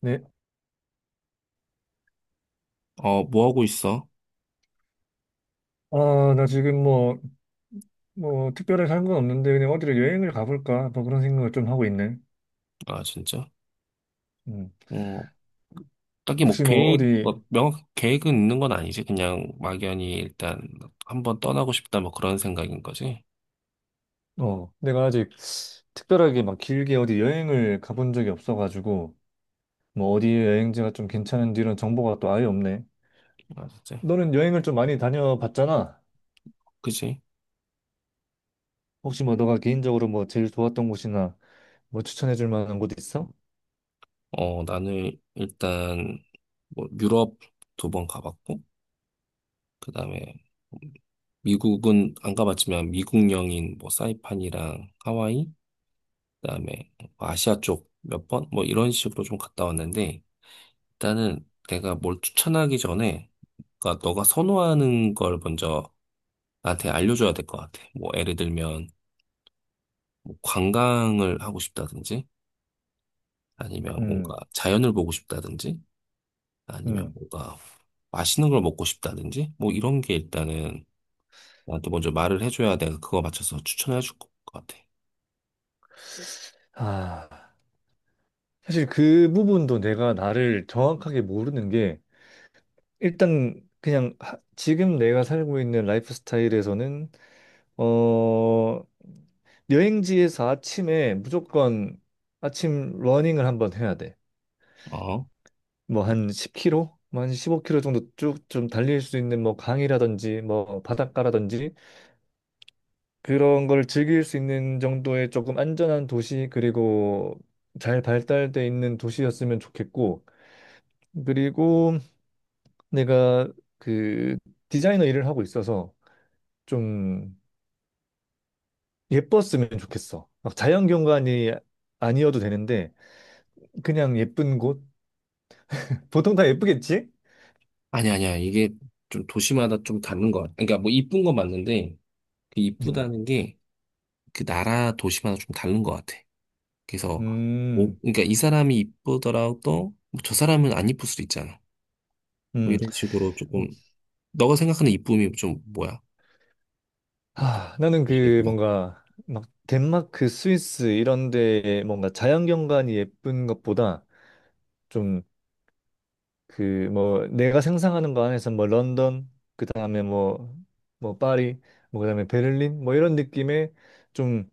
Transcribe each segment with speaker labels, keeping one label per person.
Speaker 1: 네.
Speaker 2: 뭐 하고 있어?
Speaker 1: 아, 나 지금 뭐, 특별하게 한 건 없는데, 그냥 어디를 여행을 가볼까? 뭐 그런 생각을 좀 하고 있네.
Speaker 2: 아, 진짜?
Speaker 1: 음.
Speaker 2: 어, 딱히
Speaker 1: 혹시 뭐, 어디,
Speaker 2: 뭐 명확한 계획은 있는 건 아니지. 그냥 막연히 일단 한번 떠나고 싶다 뭐 그런 생각인 거지.
Speaker 1: 어, 내가 아직 특별하게 막 길게 어디 여행을 가본 적이 없어가지고, 뭐, 어디 여행지가 좀 괜찮은지 이런 정보가 또 아예 없네.
Speaker 2: 아, 진짜?
Speaker 1: 너는 여행을 좀 많이 다녀봤잖아.
Speaker 2: 그지?
Speaker 1: 혹시 뭐, 너가 개인적으로 뭐, 제일 좋았던 곳이나 뭐, 추천해줄 만한 곳 있어?
Speaker 2: 나는 일단 뭐 유럽 두 번 가봤고, 그 다음에 미국은 안 가봤지만 미국령인 뭐 사이판이랑 하와이, 그 다음에 아시아 쪽 몇 번? 뭐 이런 식으로 좀 갔다 왔는데, 일단은 내가 뭘 추천하기 전에, 그러니까 너가 선호하는 걸 먼저 나한테 알려줘야 될 것 같아. 뭐, 예를 들면, 뭐 관광을 하고 싶다든지, 아니면 뭔가
Speaker 1: 음,
Speaker 2: 자연을 보고 싶다든지, 아니면
Speaker 1: 음.
Speaker 2: 뭔가 맛있는 걸 먹고 싶다든지, 뭐, 이런 게 일단은 나한테 먼저 말을 해줘야 내가 그거 맞춰서 추천해 줄 것 같아.
Speaker 1: 아, 사실 그 부분도 내가 나를 정확하게 모르는 게, 일단 그냥 지금 내가 살고 있는 라이프 스타일에서는 어 여행지에서 아침에 무조건 아침 러닝을 한번 해야 돼.
Speaker 2: 어?
Speaker 1: 뭐 한 10km, 뭐한 15km 정도 쭉 좀 달릴 수 있는 뭐 강이라든지 뭐 바닷가라든지 그런 걸 즐길 수 있는 정도의 조금 안전한 도시 그리고 잘 발달돼 있는 도시였으면 좋겠고 그리고 내가 그 디자이너 일을 하고 있어서 좀 예뻤으면 좋겠어. 막 자연경관이 아니어도 되는데 그냥 예쁜 곳? 보통 다 예쁘겠지?
Speaker 2: 아니, 아니야. 이게 좀 도시마다 좀 다른 것 같아. 그러니까 뭐, 이쁜 건 맞는데, 그
Speaker 1: 음,
Speaker 2: 이쁘다는 게 그 나라 도시마다 좀 다른 것 같아. 그래서, 뭐,
Speaker 1: 음,
Speaker 2: 그러니까 이 사람이 이쁘더라도, 뭐저 사람은 안 이쁠 수도 있잖아. 뭐
Speaker 1: 음.
Speaker 2: 이런 식으로 조금 너가 생각하는 이쁨이 좀 뭐야? 이쁘-
Speaker 1: 하, 나는 그
Speaker 2: 예쁘다.
Speaker 1: 뭔가 막 덴마크, 스위스 이런 데 뭔가 자연경관이 예쁜 것보다 좀 그 뭐 내가 상상하는 거 안에서 뭐 런던, 그 다음에 뭐 파리, 뭐 그다음에 베를린 뭐 이런 느낌의 좀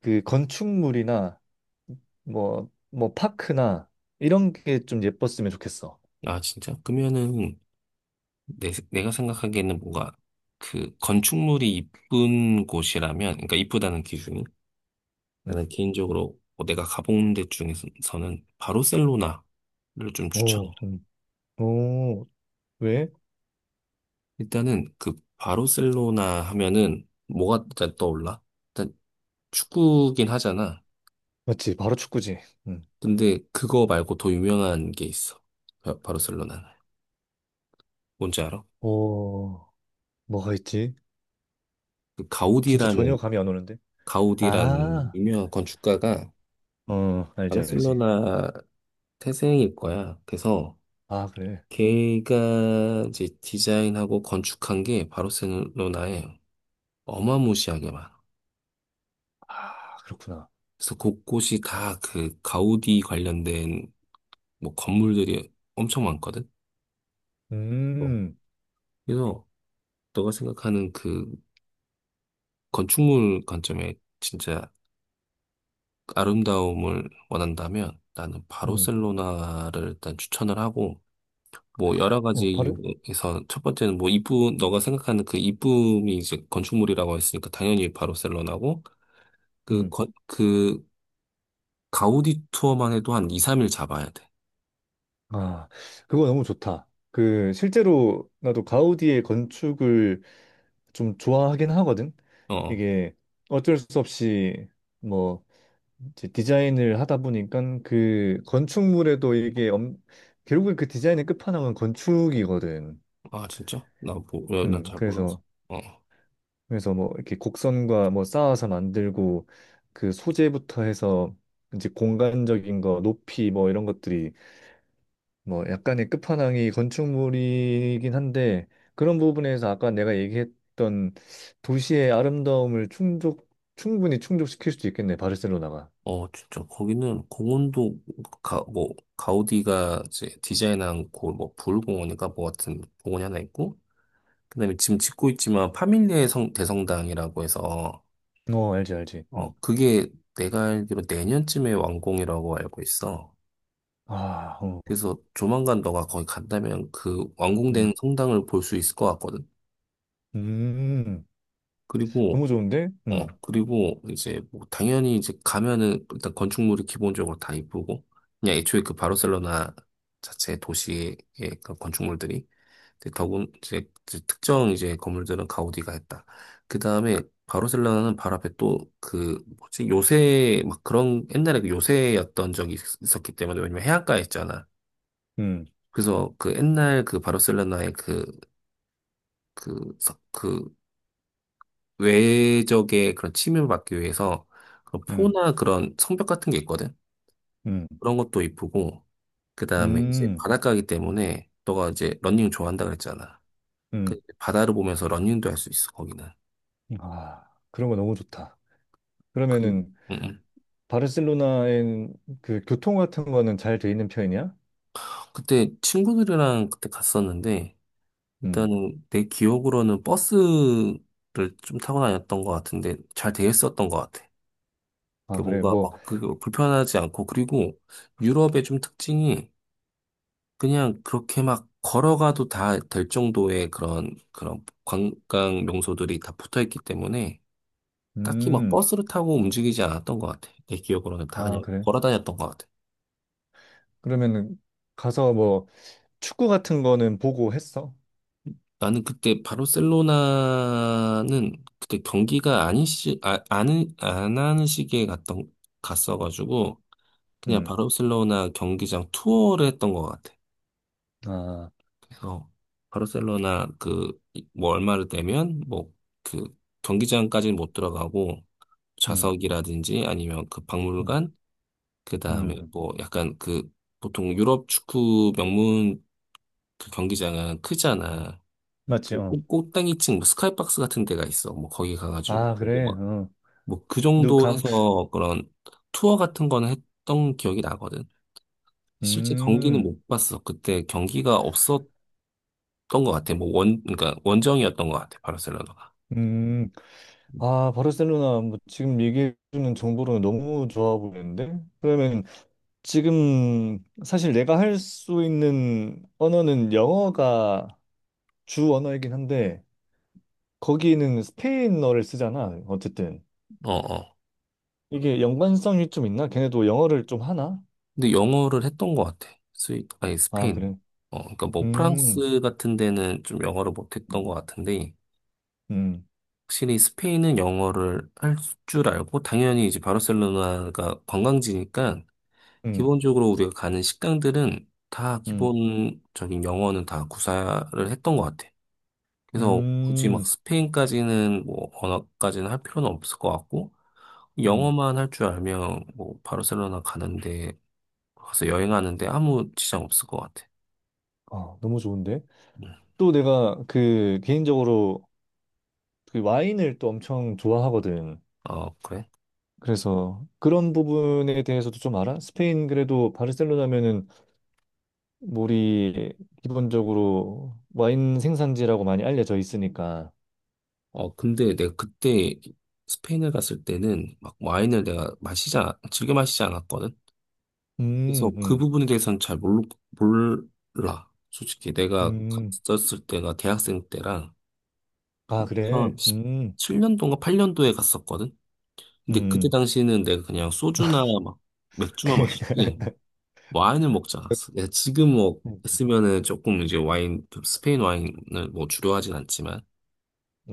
Speaker 1: 그 건축물이나 뭐, 파크나 이런 게 좀 예뻤으면 좋겠어.
Speaker 2: 아, 진짜? 그러면은 내가 생각하기에는 뭔가 그 건축물이 이쁜 곳이라면, 그러니까 이쁘다는 기준이
Speaker 1: 음.
Speaker 2: 나는 개인적으로 뭐 내가 가본 데 중에서는 바르셀로나를 좀 추천해.
Speaker 1: 오, 오, 왜?
Speaker 2: 일단은 그 바르셀로나 하면은 뭐가 일단 떠올라? 일단 축구긴 하잖아.
Speaker 1: 맞지, 바로 축구지. 음.
Speaker 2: 근데 그거 말고 더 유명한 게 있어. 바르셀로나는. 뭔지 알아?
Speaker 1: 오, 뭐가 있지?
Speaker 2: 그
Speaker 1: 진짜 전혀
Speaker 2: 가우디라는
Speaker 1: 감이 안 오는데?
Speaker 2: 가우디라는
Speaker 1: 아,
Speaker 2: 유명한 건축가가
Speaker 1: 어, 알지, 알지.
Speaker 2: 바르셀로나 태생일 거야. 그래서
Speaker 1: 아, 그래.
Speaker 2: 걔가 이제 디자인하고 건축한 게 바르셀로나에 어마무시하게 많아.
Speaker 1: 아, 그렇구나.
Speaker 2: 그래서 곳곳이 다 그 가우디 관련된 뭐 건물들이 엄청 많거든. 어.
Speaker 1: 음,
Speaker 2: 그래서 너가 생각하는 그 건축물 관점에 진짜 아름다움을 원한다면 나는
Speaker 1: 음,
Speaker 2: 바르셀로나를 일단 추천을 하고, 뭐 여러
Speaker 1: 어,
Speaker 2: 가지
Speaker 1: 바로?
Speaker 2: 이유에서 첫 번째는 뭐 이쁨, 너가 생각하는 그 이쁨이 이제 건축물이라고 했으니까 당연히 바르셀로나고 그
Speaker 1: 음.
Speaker 2: 건- 그 가우디 투어만 해도 한 2, 3일 잡아야 돼.
Speaker 1: 아, 그거 너무 좋다. 그, 실제로 나도 가우디의 건축을 좀 좋아하긴 하거든.
Speaker 2: 어.
Speaker 1: 이게 어쩔 수 없이 뭐 이제 디자인을 하다 보니까 그 건축물에도 이게 결국에 그 디자인의 끝판왕은 건축이거든.
Speaker 2: 아, 진짜? 나 뭐, 난잘 몰라서.
Speaker 1: 그래서
Speaker 2: 어.
Speaker 1: 뭐 이렇게 곡선과 뭐 쌓아서 만들고 그 소재부터 해서 이제 공간적인 거, 높이 뭐 이런 것들이 뭐 약간의 끝판왕이 건축물이긴 한데 그런 부분에서 아까 내가 얘기했던 도시의 아름다움을 충족 충분히 충족시킬 수도 있겠네 바르셀로나가.
Speaker 2: 어, 진짜 거기는 공원도 뭐 가우디가 이제 디자인한 그뭐 부울공원인가 뭐 같은 공원이 하나 있고 그다음에 지금 짓고 있지만 파밀리의 성 대성당이라고 해서,
Speaker 1: 어 알지 알지. 음.
Speaker 2: 그게 내가 알기로 내년쯤에 완공이라고 알고 있어.
Speaker 1: 아, 어,
Speaker 2: 그래서 조만간 너가 거기 간다면 그
Speaker 1: 음,
Speaker 2: 완공된 성당을 볼 수 있을 것 같거든.
Speaker 1: 음,
Speaker 2: 그리고,
Speaker 1: 너무 좋은데?
Speaker 2: 어, 그리고 이제 뭐 당연히 이제 가면은 일단 건축물이 기본적으로 다 이쁘고, 그냥 애초에 그 바르셀로나 자체 도시의 그 건축물들이 이제 더군 이제 특정 이제 건물들은 가우디가 했다. 그 다음에 바르셀로나는 바로 앞에 또 그 뭐지 요새 막 그런 옛날에 그 요새였던 적이 있었기 때문에, 왜냐면 해안가에 있잖아.
Speaker 1: 음,
Speaker 2: 그래서 그 옛날 그 바르셀로나의 그 그 외적의 그런 침입을 막기 위해서 그런
Speaker 1: 음,
Speaker 2: 포나 그런 성벽 같은 게 있거든.
Speaker 1: 음,
Speaker 2: 그런 것도 이쁘고 그 다음에 이제
Speaker 1: 음,
Speaker 2: 바닷가이기 때문에 너가 이제 러닝 좋아한다 그랬잖아. 그
Speaker 1: 음.
Speaker 2: 바다를 보면서 러닝도 할 수 있어 거기는.
Speaker 1: 아 그런 거 너무 좋다.
Speaker 2: 그,
Speaker 1: 그러면은
Speaker 2: 음.
Speaker 1: 바르셀로나엔 그 교통 같은 거는 잘 돼 있는 편이야?
Speaker 2: 그때 친구들이랑 그때 갔었는데,
Speaker 1: 음.
Speaker 2: 일단은 내 기억으로는 버스를 좀 타고 다녔던 것 같은데, 잘 되어 있었던 것 같아.
Speaker 1: 아
Speaker 2: 그
Speaker 1: 그래
Speaker 2: 뭔가
Speaker 1: 뭐.
Speaker 2: 막 그 불편하지 않고, 그리고 유럽의 좀 특징이 그냥 그렇게 막 걸어가도 다 될 정도의 그런 관광 명소들이 다 붙어 있기 때문에 딱히 막
Speaker 1: 음.
Speaker 2: 버스를 타고 움직이지 않았던 것 같아. 내 기억으로는 다
Speaker 1: 아,
Speaker 2: 그냥
Speaker 1: 그래.
Speaker 2: 걸어 다녔던 것 같아.
Speaker 1: 그러면은 가서 뭐 축구 같은 거는 보고 했어?
Speaker 2: 나는 그때 바르셀로나는 그때 경기가 아닌 시, 아, 안안 하는 시기에 갔어가지고 그냥
Speaker 1: 음.
Speaker 2: 바르셀로나 경기장 투어를 했던 것 같아.
Speaker 1: 아,
Speaker 2: 그래서 바르셀로나 그, 뭐 얼마를 내면 뭐 그 경기장까지는 못 들어가고
Speaker 1: 음,
Speaker 2: 좌석이라든지 아니면 그
Speaker 1: 음,
Speaker 2: 박물관, 그 다음에
Speaker 1: 음.
Speaker 2: 뭐 약간 그 보통 유럽 축구 명문 그 경기장은 크잖아.
Speaker 1: 맞지,
Speaker 2: 그
Speaker 1: 어.
Speaker 2: 꼭대기층 뭐 스카이박스 같은 데가 있어. 뭐 거기 가가지고
Speaker 1: 아,
Speaker 2: 보고
Speaker 1: 그래,
Speaker 2: 막
Speaker 1: 어.
Speaker 2: 뭐 그 정도
Speaker 1: 누캄프.
Speaker 2: 해서 그런 투어 같은 거는 했던 기억이 나거든. 실제 경기는
Speaker 1: 음,
Speaker 2: 못 봤어. 그때 경기가 없었던 것 같아. 뭐 그러니까 원정이었던 것 같아. 바르셀로나가.
Speaker 1: 음.
Speaker 2: 음.
Speaker 1: 아, 바르셀로나, 뭐, 지금 얘기해주는 정보로는 너무 좋아 보이는데? 그러면 지금 사실 내가 할 수 있는 언어는 영어가 주 언어이긴 한데, 거기는 스페인어를 쓰잖아, 어쨌든.
Speaker 2: 어, 어.
Speaker 1: 이게 연관성이 좀 있나? 걔네도 영어를 좀 하나?
Speaker 2: 근데 영어를 했던 것 같아. 아니,
Speaker 1: 아,
Speaker 2: 스페인.
Speaker 1: 그래.
Speaker 2: 그러니까 뭐
Speaker 1: 음,
Speaker 2: 프랑스 같은 데는 좀 영어를 못했던
Speaker 1: 음.
Speaker 2: 것 같은데,
Speaker 1: 음,
Speaker 2: 확실히 스페인은 영어를 할 줄 알고, 당연히 이제 바르셀로나가 관광지니까,
Speaker 1: 음,
Speaker 2: 기본적으로 우리가 가는 식당들은 다
Speaker 1: 음.
Speaker 2: 기본적인 영어는 다 구사를 했던 것 같아. 그래서 굳이 막
Speaker 1: 음,
Speaker 2: 스페인까지는 뭐 언어까지는 할 필요는 없을 것 같고,
Speaker 1: 음.
Speaker 2: 영어만 할 줄 알면 뭐 바르셀로나 가는데, 가서 여행하는데 아무 지장 없을 것 같아.
Speaker 1: 아, 너무 좋은데? 또 내가 그 개인적으로 그 와인을 또 엄청 좋아하거든.
Speaker 2: 아, 그래?
Speaker 1: 그래서 그런 부분에 대해서도 좀 알아? 스페인 그래도 바르셀로나면은 우리 기본적으로 와인 생산지라고 많이 알려져 있으니까.
Speaker 2: 근데 내가 그때 스페인을 갔을 때는 막 와인을 내가 즐겨 마시지 않았거든? 그래서
Speaker 1: 음,
Speaker 2: 그
Speaker 1: 음,
Speaker 2: 부분에 대해서는 잘 몰라. 솔직히 내가
Speaker 1: 음.
Speaker 2: 갔었을 때가 대학생 때랑
Speaker 1: 아, 그래?
Speaker 2: 2017년도인가 8년도에 갔었거든? 근데 그때
Speaker 1: 음.
Speaker 2: 당시에는 내가 그냥 소주나 막 맥주만 마셨지, 와인을 먹지 않았어. 내가 지금 뭐,
Speaker 1: 그러니까.
Speaker 2: 했으면은 조금 이제 와인, 스페인 와인을 뭐 주려하진 않지만,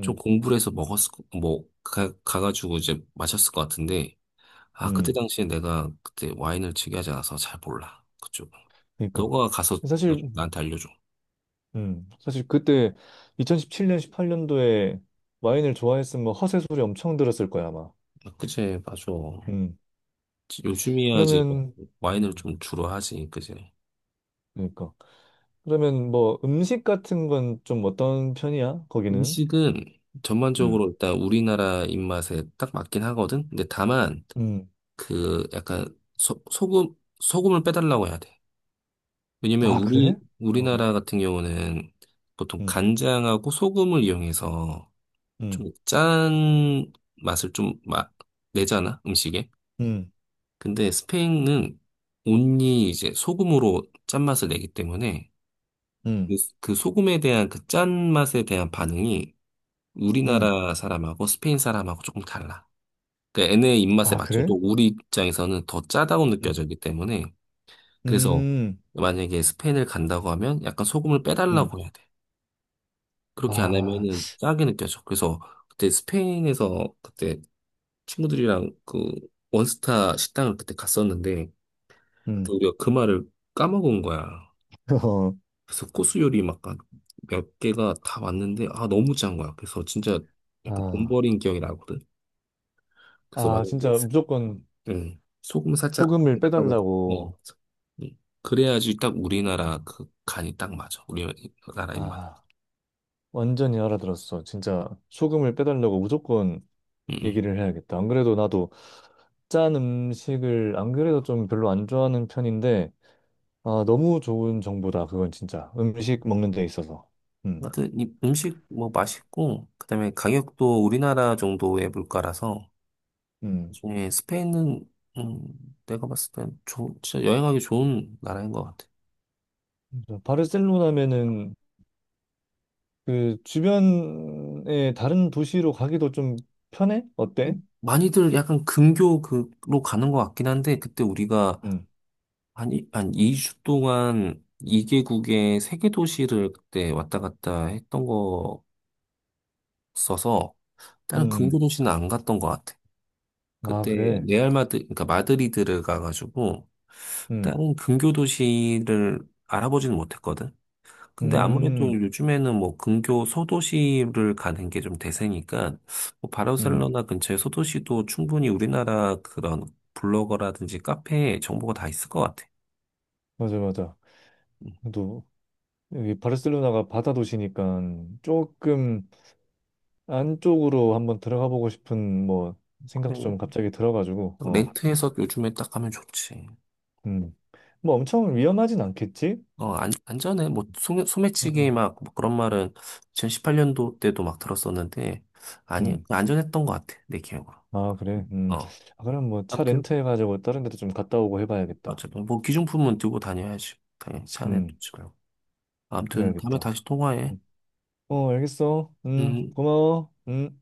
Speaker 2: 좀 공부를 해서 먹었을, 가가지고 이제 마셨을 것 같은데, 아, 그때
Speaker 1: 음.
Speaker 2: 당시에 내가 그때 와인을 즐겨하지 않아서 잘 몰라. 그쪽은.
Speaker 1: 그러니까.
Speaker 2: 너가 가서 나-
Speaker 1: 사실
Speaker 2: 나한테 알려줘.
Speaker 1: 그때 2017년, 18년도에 와인을 좋아했으면 뭐 허세 소리 엄청 들었을 거야, 아마.
Speaker 2: 아, 그치, 맞아.
Speaker 1: 음,
Speaker 2: 요즘이야 이제 뭐
Speaker 1: 그러면,
Speaker 2: 와인을
Speaker 1: 음,
Speaker 2: 좀 주로 하지, 그치.
Speaker 1: 그러니까. 그러면 뭐 음식 같은 건 좀 어떤 편이야, 거기는?
Speaker 2: 음식은
Speaker 1: 음,
Speaker 2: 전반적으로 일단 우리나라 입맛에 딱 맞긴 하거든? 근데 다만,
Speaker 1: 음.
Speaker 2: 그 약간 소, 소금, 소금을 빼달라고 해야 돼. 왜냐면
Speaker 1: 아,
Speaker 2: 우리
Speaker 1: 그래? 어,
Speaker 2: 우리나라 같은 경우는 보통
Speaker 1: 음,
Speaker 2: 간장하고 소금을 이용해서
Speaker 1: 음,
Speaker 2: 좀 짠 맛을 좀 내잖아 음식에.
Speaker 1: 음,
Speaker 2: 근데 스페인은 온리 이제 소금으로 짠맛을 내기 때문에
Speaker 1: 음,
Speaker 2: 그 소금에 대한 그 짠맛에 대한 반응이
Speaker 1: 음.
Speaker 2: 우리나라 사람하고 스페인 사람하고 조금 달라. 그러니까 얘네 입맛에
Speaker 1: 아, 그래?
Speaker 2: 맞춰도 우리 입장에서는 더 짜다고
Speaker 1: 음,
Speaker 2: 느껴지기 때문에 그래서
Speaker 1: 음,
Speaker 2: 만약에 스페인을 간다고 하면 약간 소금을
Speaker 1: 음.
Speaker 2: 빼달라고 해야 돼. 그렇게 안
Speaker 1: 아,
Speaker 2: 하면은 짜게 느껴져. 그래서 그때 스페인에서 그때 친구들이랑 그 원스타 식당을 그때 갔었는데 그때
Speaker 1: 음.
Speaker 2: 우리가 그 말을 까먹은 거야.
Speaker 1: 어,
Speaker 2: 그래서 코스 요리 막몇 개가 다 왔는데 아 너무 짠 거야. 그래서 진짜 약간 돈
Speaker 1: 아,
Speaker 2: 버린 기억이 나거든. 그래서 만약에
Speaker 1: 진짜
Speaker 2: 스-
Speaker 1: 무조건
Speaker 2: 응, 소금 살짝
Speaker 1: 소금을
Speaker 2: 해달라고
Speaker 1: 빼달라고.
Speaker 2: 응. 그래야지 딱 우리나라 그 간이 딱 맞아. 우리나라 입맛.
Speaker 1: 아. 완전히 알아들었어. 진짜 소금을 빼달라고 무조건
Speaker 2: 응, 응.
Speaker 1: 얘기를 해야겠다. 안 그래도 나도 짠 음식을 안 그래도 좀 별로 안 좋아하는 편인데 아 너무 좋은 정보다. 그건 진짜 음식 먹는 데 있어서. 음,
Speaker 2: 하여튼 이 음식 뭐 맛있고 그다음에 가격도 우리나라 정도의 물가라서
Speaker 1: 음.
Speaker 2: 나중에 스페인은 내가 봤을 땐 진짜 여행하기 좋은 나라인 것 같아.
Speaker 1: 그래서 바르셀로나면은 그 주변에 다른 도시로 가기도 좀 편해? 어때?
Speaker 2: 많이들 약간 근교 그로 가는 것 같긴 한데 그때 우리가
Speaker 1: 음,
Speaker 2: 한 2주 동안 2개국의 세개 도시를 그때 왔다 갔다 했던 거 써서 다른 근교
Speaker 1: 음.
Speaker 2: 도시는 안 갔던 것 같아.
Speaker 1: 아
Speaker 2: 그때
Speaker 1: 그래.
Speaker 2: 레알 마드 그러니까 마드리드를 가가지고
Speaker 1: 음,
Speaker 2: 다른 근교 도시를 알아보지는 못했거든. 근데 아무래도
Speaker 1: 음,
Speaker 2: 요즘에는 뭐 근교 소도시를 가는 게 좀 대세니까 뭐
Speaker 1: 음.
Speaker 2: 바르셀로나 근처의 소도시도 충분히 우리나라 그런 블로거라든지 카페에 정보가 다 있을 것 같아.
Speaker 1: 맞아 맞아.
Speaker 2: 음,
Speaker 1: 또 여기 바르셀로나가 바다 도시니까 조금 안쪽으로 한번 들어가 보고 싶은 뭐 생각도
Speaker 2: 그래.
Speaker 1: 좀 갑자기 들어가지고 어.
Speaker 2: 렌트해서 요즘에 딱 가면 좋지.
Speaker 1: 음. 뭐 엄청 위험하진 않겠지?
Speaker 2: 어, 안, 안전해. 뭐, 소매치기
Speaker 1: 음.
Speaker 2: 막, 뭐 그런 말은 2018년도 때도 막 들었었는데, 아니,
Speaker 1: 음.
Speaker 2: 안전했던 것 같아. 내 기억으로.
Speaker 1: 아, 그래. 음.
Speaker 2: 어.
Speaker 1: 아, 그럼 뭐 차
Speaker 2: 아무튼,
Speaker 1: 렌트해 가지고 다른 데도 좀 갔다 오고 해 봐야겠다.
Speaker 2: 어쨌든, 뭐, 기준품은 들고 다녀야지. 당연히 차 안에
Speaker 1: 음.
Speaker 2: 두지 말고. 아무튼, 다음에
Speaker 1: 그래야겠다.
Speaker 2: 다시 통화해.
Speaker 1: 음. 어, 알겠어. 음.
Speaker 2: 음.
Speaker 1: 고마워. 음.